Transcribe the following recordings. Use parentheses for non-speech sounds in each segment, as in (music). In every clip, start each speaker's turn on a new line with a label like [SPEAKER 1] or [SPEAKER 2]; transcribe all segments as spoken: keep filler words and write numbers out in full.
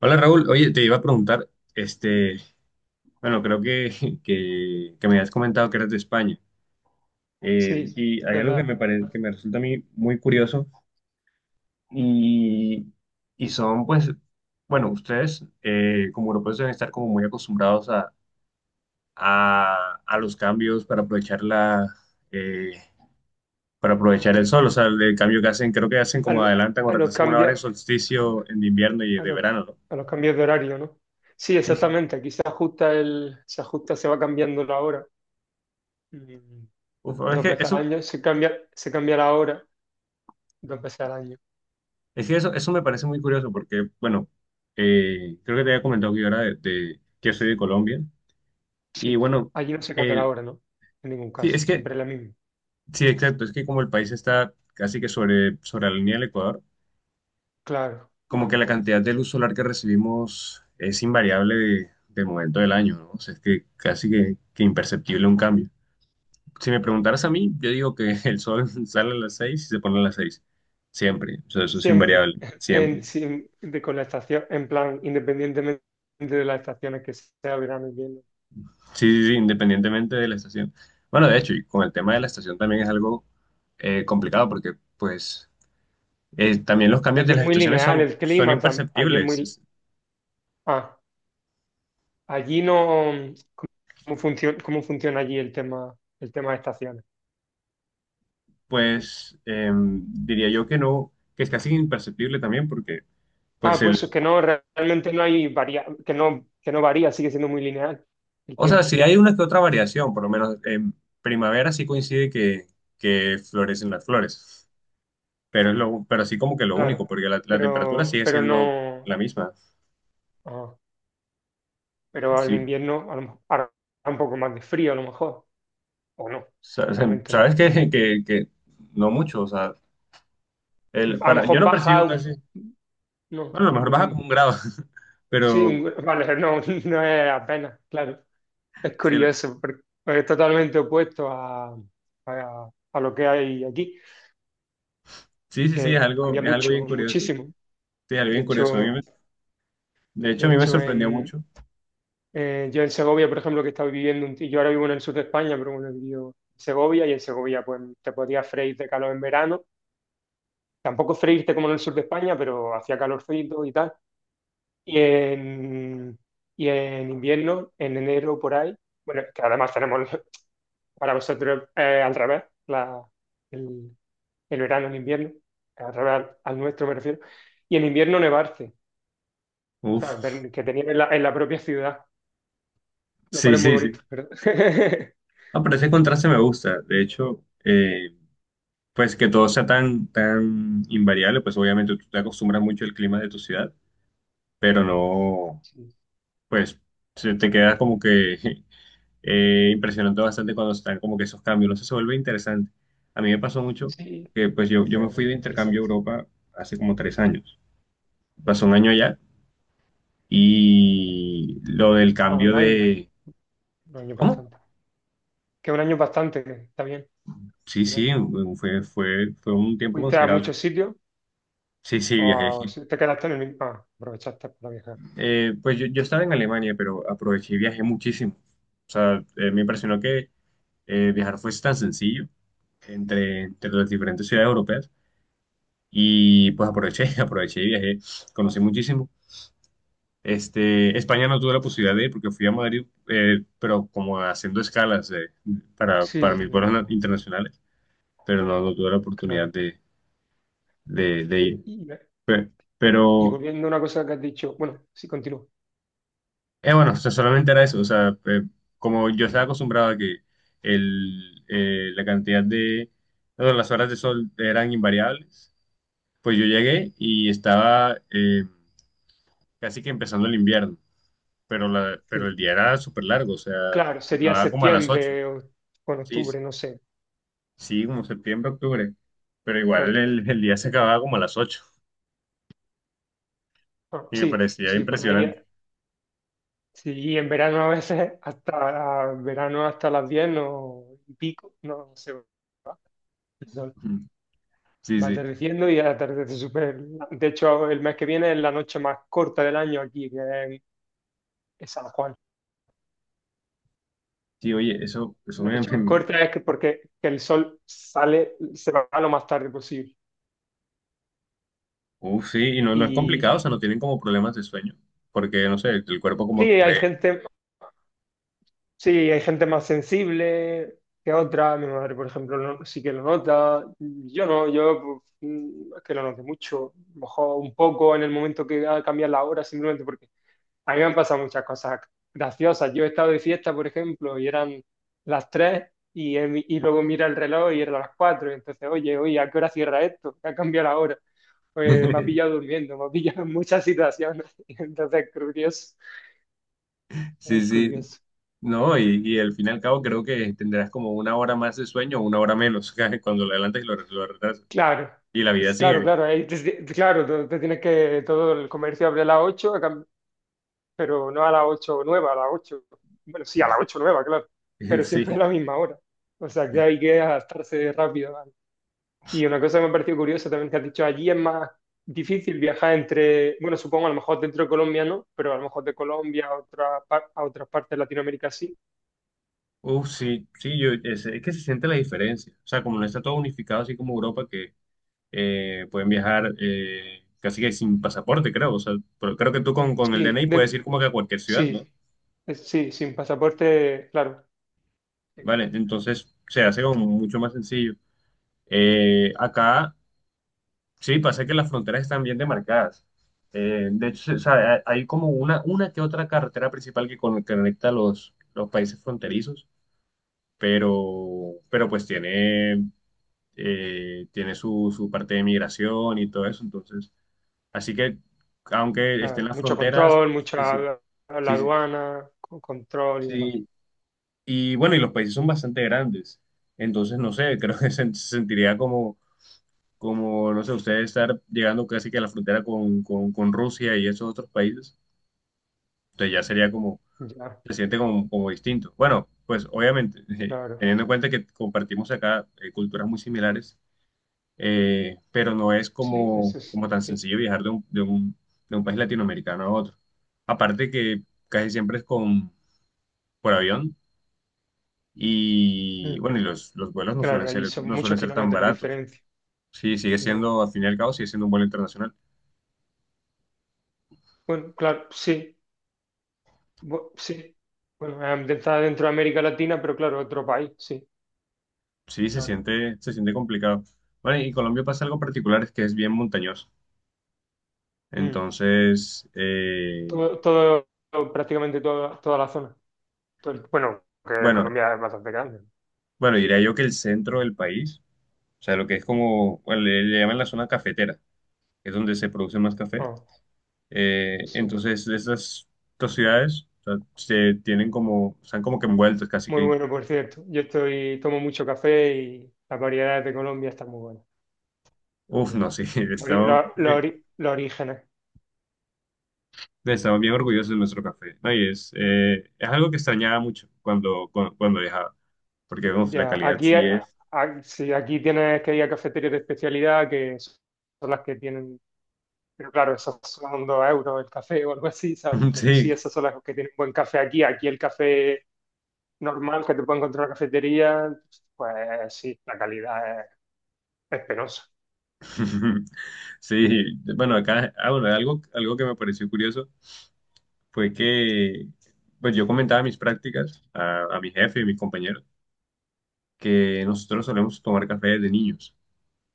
[SPEAKER 1] Hola Raúl, oye, te iba a preguntar, este, bueno, creo que, (laughs) que, que me habías comentado que eres de España. Eh,
[SPEAKER 2] Sí,
[SPEAKER 1] y hay algo que
[SPEAKER 2] ¿verdad?
[SPEAKER 1] me parece, que me resulta a mí muy curioso, y, y son pues, bueno, ustedes eh, como europeos deben estar como muy acostumbrados a, a, a los cambios para aprovechar la, eh, para aprovechar el sol, o sea, el, cambio que hacen, creo que hacen como
[SPEAKER 2] Al-
[SPEAKER 1] adelantan o
[SPEAKER 2] a los
[SPEAKER 1] retrasan una hora el
[SPEAKER 2] cambios,
[SPEAKER 1] solsticio en invierno y
[SPEAKER 2] a
[SPEAKER 1] de
[SPEAKER 2] los,
[SPEAKER 1] verano, ¿no?
[SPEAKER 2] a los, cambios de horario, ¿no? Sí,
[SPEAKER 1] Sí, sí.
[SPEAKER 2] exactamente. Aquí se ajusta el, se ajusta, se va cambiando la hora. Mm,
[SPEAKER 1] Uf, es
[SPEAKER 2] Dos
[SPEAKER 1] que
[SPEAKER 2] veces al
[SPEAKER 1] eso.
[SPEAKER 2] año se cambia, se cambia la hora dos veces al año.
[SPEAKER 1] Es que eso, eso me parece muy curioso porque, bueno, eh, creo que te había comentado que yo era de, de- que yo soy de Colombia. Y
[SPEAKER 2] Sí.
[SPEAKER 1] bueno,
[SPEAKER 2] Allí no se cambia la
[SPEAKER 1] el,
[SPEAKER 2] hora, ¿no? En ningún
[SPEAKER 1] sí,
[SPEAKER 2] caso.
[SPEAKER 1] es que,
[SPEAKER 2] Siempre es la misma.
[SPEAKER 1] sí, exacto, es que como el país está casi que sobre, sobre la línea del Ecuador,
[SPEAKER 2] Claro,
[SPEAKER 1] como que
[SPEAKER 2] claro,
[SPEAKER 1] la
[SPEAKER 2] claro.
[SPEAKER 1] cantidad de luz solar que recibimos es invariable de, del momento del año, ¿no? O sea, es que casi que, que imperceptible un cambio. Si me preguntaras a mí, yo digo que el sol (laughs) sale a las seis y se pone a las seis, siempre, o sea, eso es
[SPEAKER 2] Siempre.
[SPEAKER 1] invariable,
[SPEAKER 2] (laughs) En,
[SPEAKER 1] siempre.
[SPEAKER 2] sin- de, Con la estación, en plan, independientemente de las estaciones que sea verano, invierno.
[SPEAKER 1] Sí, sí, sí, independientemente de la estación. Bueno, de hecho, y con el tema de la estación también es algo eh, complicado porque, pues, eh, también los cambios
[SPEAKER 2] Allí
[SPEAKER 1] de
[SPEAKER 2] es
[SPEAKER 1] las
[SPEAKER 2] muy
[SPEAKER 1] estaciones
[SPEAKER 2] lineal
[SPEAKER 1] son,
[SPEAKER 2] el
[SPEAKER 1] son
[SPEAKER 2] clima. Tam- allí es
[SPEAKER 1] imperceptibles.
[SPEAKER 2] muy.
[SPEAKER 1] Es-
[SPEAKER 2] Ah. Allí no. ¿Cómo funciona, cómo funciona allí el tema, el tema, de estaciones?
[SPEAKER 1] Pues, eh, diría yo que no, que es casi imperceptible también porque, pues,
[SPEAKER 2] Ah, pues es
[SPEAKER 1] el,
[SPEAKER 2] que no, realmente no hay varia, que no, que no varía, sigue siendo muy lineal el
[SPEAKER 1] o sea,
[SPEAKER 2] tiempo,
[SPEAKER 1] si hay una que otra variación, por lo menos en primavera sí coincide que, que florecen las flores, pero es lo, pero así como que lo único,
[SPEAKER 2] claro.
[SPEAKER 1] porque la, la temperatura
[SPEAKER 2] Pero,
[SPEAKER 1] sigue
[SPEAKER 2] pero
[SPEAKER 1] siendo
[SPEAKER 2] no,
[SPEAKER 1] la misma.
[SPEAKER 2] ah, pero al
[SPEAKER 1] Sí.
[SPEAKER 2] invierno a lo mejor hará un poco más de frío a lo mejor, o no,
[SPEAKER 1] Sa- se-
[SPEAKER 2] realmente
[SPEAKER 1] Sabes
[SPEAKER 2] no.
[SPEAKER 1] que, (laughs) que, que no mucho, o sea, el,
[SPEAKER 2] A lo
[SPEAKER 1] para, yo
[SPEAKER 2] mejor
[SPEAKER 1] no
[SPEAKER 2] baja,
[SPEAKER 1] percibo
[SPEAKER 2] un-
[SPEAKER 1] casi,
[SPEAKER 2] no,
[SPEAKER 1] bueno, a lo mejor
[SPEAKER 2] lo
[SPEAKER 1] baja como
[SPEAKER 2] mismo.
[SPEAKER 1] un grado, (laughs)
[SPEAKER 2] Sí,
[SPEAKER 1] pero
[SPEAKER 2] un- vale, no, (laughs) no es apenas, claro. Es
[SPEAKER 1] sí, el-
[SPEAKER 2] curioso, porque es totalmente opuesto a, a, a lo que hay aquí,
[SPEAKER 1] sí, sí, sí, es
[SPEAKER 2] que
[SPEAKER 1] algo,
[SPEAKER 2] cambia
[SPEAKER 1] es algo
[SPEAKER 2] mucho,
[SPEAKER 1] bien curioso,
[SPEAKER 2] muchísimo.
[SPEAKER 1] sí, es algo
[SPEAKER 2] De
[SPEAKER 1] bien curioso, a mí
[SPEAKER 2] hecho,
[SPEAKER 1] me- de hecho
[SPEAKER 2] de
[SPEAKER 1] a mí me
[SPEAKER 2] hecho
[SPEAKER 1] sorprendió
[SPEAKER 2] en,
[SPEAKER 1] mucho,
[SPEAKER 2] eh, yo en Segovia, por ejemplo, que estaba viviendo, un, y yo ahora vivo en el sur de España, pero bueno, he vivido en Segovia y en Segovia pues te podías freír de calor en verano. Tampoco freírte como en el sur de España, pero hacía calorcito y tal. Y en, y en invierno, en enero por ahí, bueno, que además tenemos (laughs) para vosotros eh, al revés, la, el, el verano, el invierno, al revés al al nuestro me refiero, y en invierno nevarse. ¿Sabes?
[SPEAKER 1] uf,
[SPEAKER 2] Ver que tenían en la, en la propia ciudad, lo
[SPEAKER 1] sí,
[SPEAKER 2] cual es muy
[SPEAKER 1] sí,
[SPEAKER 2] bonito,
[SPEAKER 1] sí,
[SPEAKER 2] ¿verdad? (laughs)
[SPEAKER 1] ah, pero ese contraste me gusta, de hecho, eh, pues que todo sea tan, tan invariable, pues obviamente tú te acostumbras mucho al clima de tu ciudad, pero no,
[SPEAKER 2] Sí,
[SPEAKER 1] pues se te queda como que (laughs) eh, impresionante bastante cuando están como que esos cambios, no sé, se vuelve interesante. A mí me pasó mucho
[SPEAKER 2] sí,
[SPEAKER 1] que pues yo, yo me fui
[SPEAKER 2] eh,
[SPEAKER 1] de intercambio a
[SPEAKER 2] interesante.
[SPEAKER 1] Europa hace como tres años. Pasó un año allá y lo del
[SPEAKER 2] Ah,
[SPEAKER 1] cambio
[SPEAKER 2] un año,
[SPEAKER 1] de...
[SPEAKER 2] un año
[SPEAKER 1] ¿Cómo?
[SPEAKER 2] bastante. Que un año bastante, que está bien,
[SPEAKER 1] Sí,
[SPEAKER 2] un
[SPEAKER 1] sí,
[SPEAKER 2] año.
[SPEAKER 1] fue, fue, fue un tiempo
[SPEAKER 2] ¿Fuiste a
[SPEAKER 1] considerable.
[SPEAKER 2] muchos sitios
[SPEAKER 1] Sí, sí,
[SPEAKER 2] o a-
[SPEAKER 1] viajé.
[SPEAKER 2] si te quedaste en el mismo? Ah, aprovechaste para viajar.
[SPEAKER 1] Eh, pues yo, yo estaba en Alemania, pero aproveché y viajé muchísimo. O sea, eh, me
[SPEAKER 2] Bueno,
[SPEAKER 1] impresionó que eh, viajar fuese tan sencillo entre, entre las diferentes ciudades europeas. Y pues aproveché, (laughs) aproveché y viajé, conocí muchísimo. Este, España no tuve la posibilidad de ir porque fui a Madrid, eh, pero como haciendo escalas eh, para, para
[SPEAKER 2] sí,
[SPEAKER 1] mis vuelos na-
[SPEAKER 2] no,
[SPEAKER 1] internacionales, pero no, no tuve la oportunidad
[SPEAKER 2] claro.
[SPEAKER 1] de, de, de ir.
[SPEAKER 2] Y,
[SPEAKER 1] Pe-
[SPEAKER 2] y
[SPEAKER 1] Pero,
[SPEAKER 2] volviendo a una cosa que has dicho, bueno, sí, continúo.
[SPEAKER 1] eh, bueno, o sea, solamente era eso, o sea, eh, como yo estaba acostumbrado a que el, eh, la cantidad de, bueno, las horas de sol eran invariables, pues yo llegué y estaba eh, casi que empezando el invierno. Pero, la, pero el
[SPEAKER 2] Sí.
[SPEAKER 1] día era súper largo, o sea,
[SPEAKER 2] Claro,
[SPEAKER 1] se
[SPEAKER 2] sería
[SPEAKER 1] acababa como a las ocho.
[SPEAKER 2] septiembre o, o en
[SPEAKER 1] Sí, s-
[SPEAKER 2] octubre, no sé.
[SPEAKER 1] sí, como septiembre, octubre. Pero igual
[SPEAKER 2] Claro.
[SPEAKER 1] el, el día se acababa como a las ocho
[SPEAKER 2] Ah,
[SPEAKER 1] y me
[SPEAKER 2] sí,
[SPEAKER 1] parecía
[SPEAKER 2] sí, por ahí.
[SPEAKER 1] impresionante.
[SPEAKER 2] Sí, y en verano a veces hasta verano hasta las diez no, y pico, no se va. El sol
[SPEAKER 1] Ujú. Sí,
[SPEAKER 2] va
[SPEAKER 1] sí.
[SPEAKER 2] atardeciendo y atardece súper. De hecho, el mes que viene es la noche más corta del año aquí, que es es San Juan.
[SPEAKER 1] Sí, oye, eso, eso
[SPEAKER 2] La
[SPEAKER 1] me...
[SPEAKER 2] noche más
[SPEAKER 1] me-
[SPEAKER 2] corta es que porque que el sol sale, se va lo más tarde posible.
[SPEAKER 1] Uf, sí, y no, no es
[SPEAKER 2] Y
[SPEAKER 1] complicado, o sea, no tienen como problemas de sueño, porque, no sé, el cuerpo
[SPEAKER 2] sí,
[SPEAKER 1] como que
[SPEAKER 2] hay
[SPEAKER 1] cree.
[SPEAKER 2] gente, Sí, hay gente más sensible que otra. Mi madre, por ejemplo, no- sí que lo nota. Yo no, yo pues, mm, es que lo noté mucho. A lo mejor un poco en el momento que ha cambiado la hora, simplemente porque a mí me han pasado muchas cosas graciosas. Yo he estado de fiesta, por ejemplo, y eran las tres y, he mi- y luego mira el reloj y eran las cuatro. Y entonces, oye, oye, ¿a qué hora cierra esto? ¿Qué ha cambiado la hora? Pues me ha pillado
[SPEAKER 1] (laughs)
[SPEAKER 2] durmiendo, me ha pillado en muchas situaciones. (laughs) Entonces, es curioso,
[SPEAKER 1] Sí,
[SPEAKER 2] es
[SPEAKER 1] sí,
[SPEAKER 2] curioso.
[SPEAKER 1] no, y, y al fin y al cabo creo que tendrás como una hora más de sueño o una hora menos (laughs) cuando lo adelantas y lo, lo retrasas.
[SPEAKER 2] Claro,
[SPEAKER 1] Y la vida
[SPEAKER 2] es claro,
[SPEAKER 1] sigue.
[SPEAKER 2] claro, ahí te- te- claro, te, te tienes que, todo el comercio abre a las ocho, a cam- pero no a las ocho nueva, a las ocho. Bueno, sí, a las ocho nueva, claro,
[SPEAKER 1] (laughs)
[SPEAKER 2] pero siempre a
[SPEAKER 1] Sí.
[SPEAKER 2] la misma hora, o sea, que hay que adaptarse rápido. ¿Vale? Y una cosa que me ha parecido curiosa también que has dicho, allí es más difícil viajar entre, bueno, supongo a lo mejor dentro de Colombia no, pero a lo mejor de Colombia a, otra par- a otras partes de Latinoamérica sí.
[SPEAKER 1] Uf, sí, sí, yo, es, es que se siente la diferencia. O sea, como no está todo unificado, así como Europa, que eh, pueden viajar eh, casi que sin pasaporte, creo. O sea, pero creo que tú con, con el
[SPEAKER 2] Sí,
[SPEAKER 1] D N I puedes
[SPEAKER 2] de-
[SPEAKER 1] ir como que a cualquier ciudad, ¿no?
[SPEAKER 2] sí, es- sí, sin pasaporte, claro.
[SPEAKER 1] Vale, entonces se hace como mucho más sencillo. Eh, acá sí pasa que las fronteras están bien demarcadas. Eh, de hecho, se- o sea, hay hay como una, una que otra carretera principal que con- conecta los, los países fronterizos, pero, pero pues tiene. Eh, tiene su, su parte de migración y todo eso. Entonces, así que, aunque estén
[SPEAKER 2] Claro,
[SPEAKER 1] las
[SPEAKER 2] mucho
[SPEAKER 1] fronteras,
[SPEAKER 2] control,
[SPEAKER 1] pues,
[SPEAKER 2] mucha
[SPEAKER 1] sí,
[SPEAKER 2] la, la
[SPEAKER 1] sí, sí.
[SPEAKER 2] aduana, con control y demás.
[SPEAKER 1] Sí. Y bueno, y los países son bastante grandes. Entonces, no sé, (laughs) creo que se, se sentiría como, como, no sé, ustedes estar llegando casi que a la frontera con, con, con Rusia y esos otros países. Entonces ya sería como,
[SPEAKER 2] Ya,
[SPEAKER 1] se siente como, como distinto. Bueno, pues obviamente, (laughs)
[SPEAKER 2] claro.
[SPEAKER 1] teniendo en cuenta que compartimos acá eh, culturas muy similares, eh, pero no es
[SPEAKER 2] Sí, eso
[SPEAKER 1] como,
[SPEAKER 2] es.
[SPEAKER 1] como tan sencillo viajar de un, de un, de un país latinoamericano a otro. Aparte que casi siempre es con, por avión y
[SPEAKER 2] Mm.
[SPEAKER 1] bueno, y los, los vuelos no suelen
[SPEAKER 2] Claro, allí
[SPEAKER 1] ser,
[SPEAKER 2] son
[SPEAKER 1] no
[SPEAKER 2] muchos
[SPEAKER 1] suelen ser tan
[SPEAKER 2] kilómetros de
[SPEAKER 1] baratos.
[SPEAKER 2] diferencia.
[SPEAKER 1] Sí, sigue
[SPEAKER 2] No.
[SPEAKER 1] siendo, al fin y al cabo, sigue siendo un vuelo internacional.
[SPEAKER 2] Bueno, claro, sí. Bu- sí. Bueno, eh, está dentro de América Latina, pero claro, otro país, sí.
[SPEAKER 1] Sí, se
[SPEAKER 2] Claro.
[SPEAKER 1] siente, se siente complicado. Bueno, y Colombia pasa algo particular, es que es bien montañoso.
[SPEAKER 2] Mm.
[SPEAKER 1] Entonces, eh,
[SPEAKER 2] Todo, todo, Prácticamente toda, toda la zona. Todo el- bueno, que
[SPEAKER 1] bueno,
[SPEAKER 2] Colombia es bastante grande.
[SPEAKER 1] bueno, diría yo que el centro del país, o sea, lo que es como, bueno, le, le llaman la zona cafetera, es donde se produce más café.
[SPEAKER 2] ¿No? Oh,
[SPEAKER 1] Eh,
[SPEAKER 2] sí.
[SPEAKER 1] entonces, estas dos ciudades, o sea, se tienen como, están como que envueltos casi
[SPEAKER 2] Muy
[SPEAKER 1] que, en-
[SPEAKER 2] bueno, por cierto. Yo estoy, tomo mucho café y las variedades de Colombia están muy buenas, la
[SPEAKER 1] uf,
[SPEAKER 2] verdad.
[SPEAKER 1] no sé, (laughs)
[SPEAKER 2] Ori-
[SPEAKER 1] estamos,
[SPEAKER 2] lo- lo
[SPEAKER 1] bien-
[SPEAKER 2] ori- Los orígenes.
[SPEAKER 1] estamos bien orgullosos de nuestro café. No, y es, eh, es algo que extrañaba mucho cuando, cuando, cuando viajaba, porque uf, la
[SPEAKER 2] Ya,
[SPEAKER 1] calidad
[SPEAKER 2] aquí,
[SPEAKER 1] sí
[SPEAKER 2] a-
[SPEAKER 1] es,
[SPEAKER 2] a- sí, aquí tienes que ir a cafeterías de especialidad que son las que tienen, pero claro, esas son dos euros el café o algo así, ¿sabes?
[SPEAKER 1] (laughs)
[SPEAKER 2] Pero sí,
[SPEAKER 1] sí,
[SPEAKER 2] esas son las que tienen buen café aquí. Aquí el café normal que te puede encontrar en la cafetería, pues sí, la calidad es, es penosa.
[SPEAKER 1] (laughs) sí, bueno, acá, ah, bueno, algo, algo que me pareció curioso fue que, pues yo comentaba mis prácticas a, a mi jefe y mis compañeros, que nosotros solemos tomar café desde niños.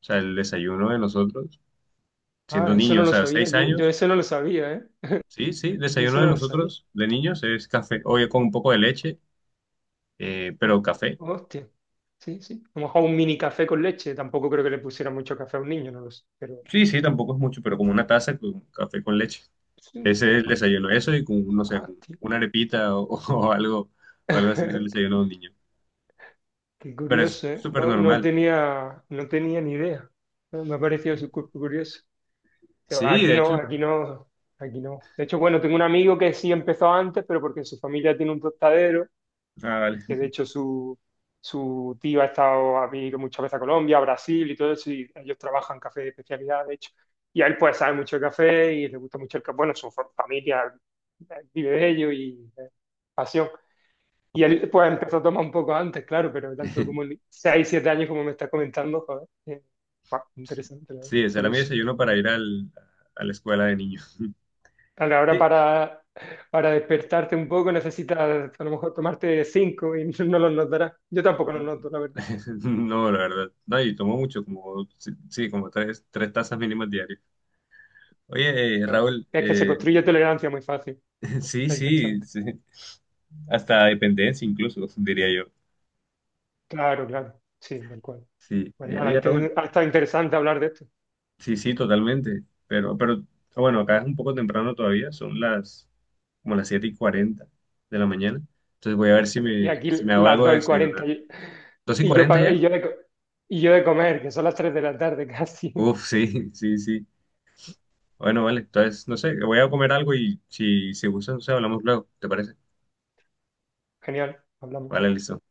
[SPEAKER 1] O sea, el desayuno de nosotros, siendo
[SPEAKER 2] Ah, eso no
[SPEAKER 1] niños,
[SPEAKER 2] lo
[SPEAKER 1] o sea,
[SPEAKER 2] sabía,
[SPEAKER 1] seis
[SPEAKER 2] yo, yo
[SPEAKER 1] años,
[SPEAKER 2] eso no lo sabía, ¿eh?
[SPEAKER 1] sí, sí,
[SPEAKER 2] Yo eso
[SPEAKER 1] desayuno de
[SPEAKER 2] no lo sabía.
[SPEAKER 1] nosotros, de niños, es café, oye, con un poco de leche, eh, pero café.
[SPEAKER 2] Hostia. Sí, sí. A lo mejor un mini café con leche. Tampoco creo que le pusiera mucho café a un niño, no lo sé. Pero
[SPEAKER 1] Sí, sí, tampoco es mucho, pero como una taza con café con leche.
[SPEAKER 2] sí.
[SPEAKER 1] Ese es el
[SPEAKER 2] Ah,
[SPEAKER 1] desayuno, eso y con, no sé,
[SPEAKER 2] ah. (laughs)
[SPEAKER 1] un- una arepita o, (laughs) o algo, o algo así es el desayuno de un niño.
[SPEAKER 2] Qué
[SPEAKER 1] Pero es
[SPEAKER 2] curioso, ¿eh?
[SPEAKER 1] súper
[SPEAKER 2] No, no
[SPEAKER 1] normal.
[SPEAKER 2] tenía, no tenía ni idea. Me ha parecido su cuerpo curioso. Pero
[SPEAKER 1] Sí,
[SPEAKER 2] aquí
[SPEAKER 1] de
[SPEAKER 2] no,
[SPEAKER 1] hecho,
[SPEAKER 2] aquí no, aquí no. De hecho, bueno, tengo un amigo que sí empezó antes, pero porque su familia tiene un tostadero,
[SPEAKER 1] ah, vale.
[SPEAKER 2] que de hecho su, su tío ha estado, ha venido muchas veces a Colombia, a Brasil y todo eso, y ellos trabajan café de especialidad, de hecho. Y a él pues sabe mucho de café y le gusta mucho el café. Bueno, su fa- familia eh, vive de ello y eh, pasión. Y él pues empezó a tomar un poco antes, claro, pero tanto como
[SPEAKER 1] (laughs)
[SPEAKER 2] seis siete años como me estás comentando, joder, eh, guau, interesante, la verdad,
[SPEAKER 1] Sí, ese era mi
[SPEAKER 2] curioso.
[SPEAKER 1] desayuno para ir al, a la escuela de niños.
[SPEAKER 2] Claro, ahora
[SPEAKER 1] Sí.
[SPEAKER 2] para, para despertarte un poco necesitas a lo mejor tomarte cinco y (laughs) no los notarás. Yo tampoco los
[SPEAKER 1] (laughs)
[SPEAKER 2] noto, la verdad.
[SPEAKER 1] No, la verdad. No, y tomo mucho, como, sí, sí, como tres, tres tazas mínimas diarias. Oye, eh, Raúl,
[SPEAKER 2] Es que se
[SPEAKER 1] eh,
[SPEAKER 2] construye tolerancia muy fácil,
[SPEAKER 1] (laughs) sí,
[SPEAKER 2] está
[SPEAKER 1] sí,
[SPEAKER 2] interesante.
[SPEAKER 1] sí. Hasta dependencia incluso, diría yo.
[SPEAKER 2] Claro, claro, sí, tal cual.
[SPEAKER 1] Sí.
[SPEAKER 2] Pues
[SPEAKER 1] Eh,
[SPEAKER 2] nada,
[SPEAKER 1] oye,
[SPEAKER 2] ahí
[SPEAKER 1] Raúl,
[SPEAKER 2] te- ha estado interesante hablar de esto.
[SPEAKER 1] sí, sí, totalmente. Pero, pero, ah, bueno, acá es un poco temprano todavía, son las, como las siete y cuarenta de la mañana. Entonces voy a ver si
[SPEAKER 2] Y
[SPEAKER 1] me,
[SPEAKER 2] aquí
[SPEAKER 1] si me hago
[SPEAKER 2] las
[SPEAKER 1] algo de
[SPEAKER 2] dos y cuarenta,
[SPEAKER 1] desayunar.
[SPEAKER 2] y,
[SPEAKER 1] ¿Dos y
[SPEAKER 2] y yo,
[SPEAKER 1] cuarenta
[SPEAKER 2] pa- y,
[SPEAKER 1] ya?
[SPEAKER 2] yo de, co- y yo de comer, que son las tres de la tarde casi.
[SPEAKER 1] Uf, sí, (laughs) sí, sí. Bueno, vale. Entonces, no sé, voy a comer algo y si, si gustas, no sé, hablamos luego. ¿Te parece?
[SPEAKER 2] (laughs) Genial, hablamos.
[SPEAKER 1] Vale, listo.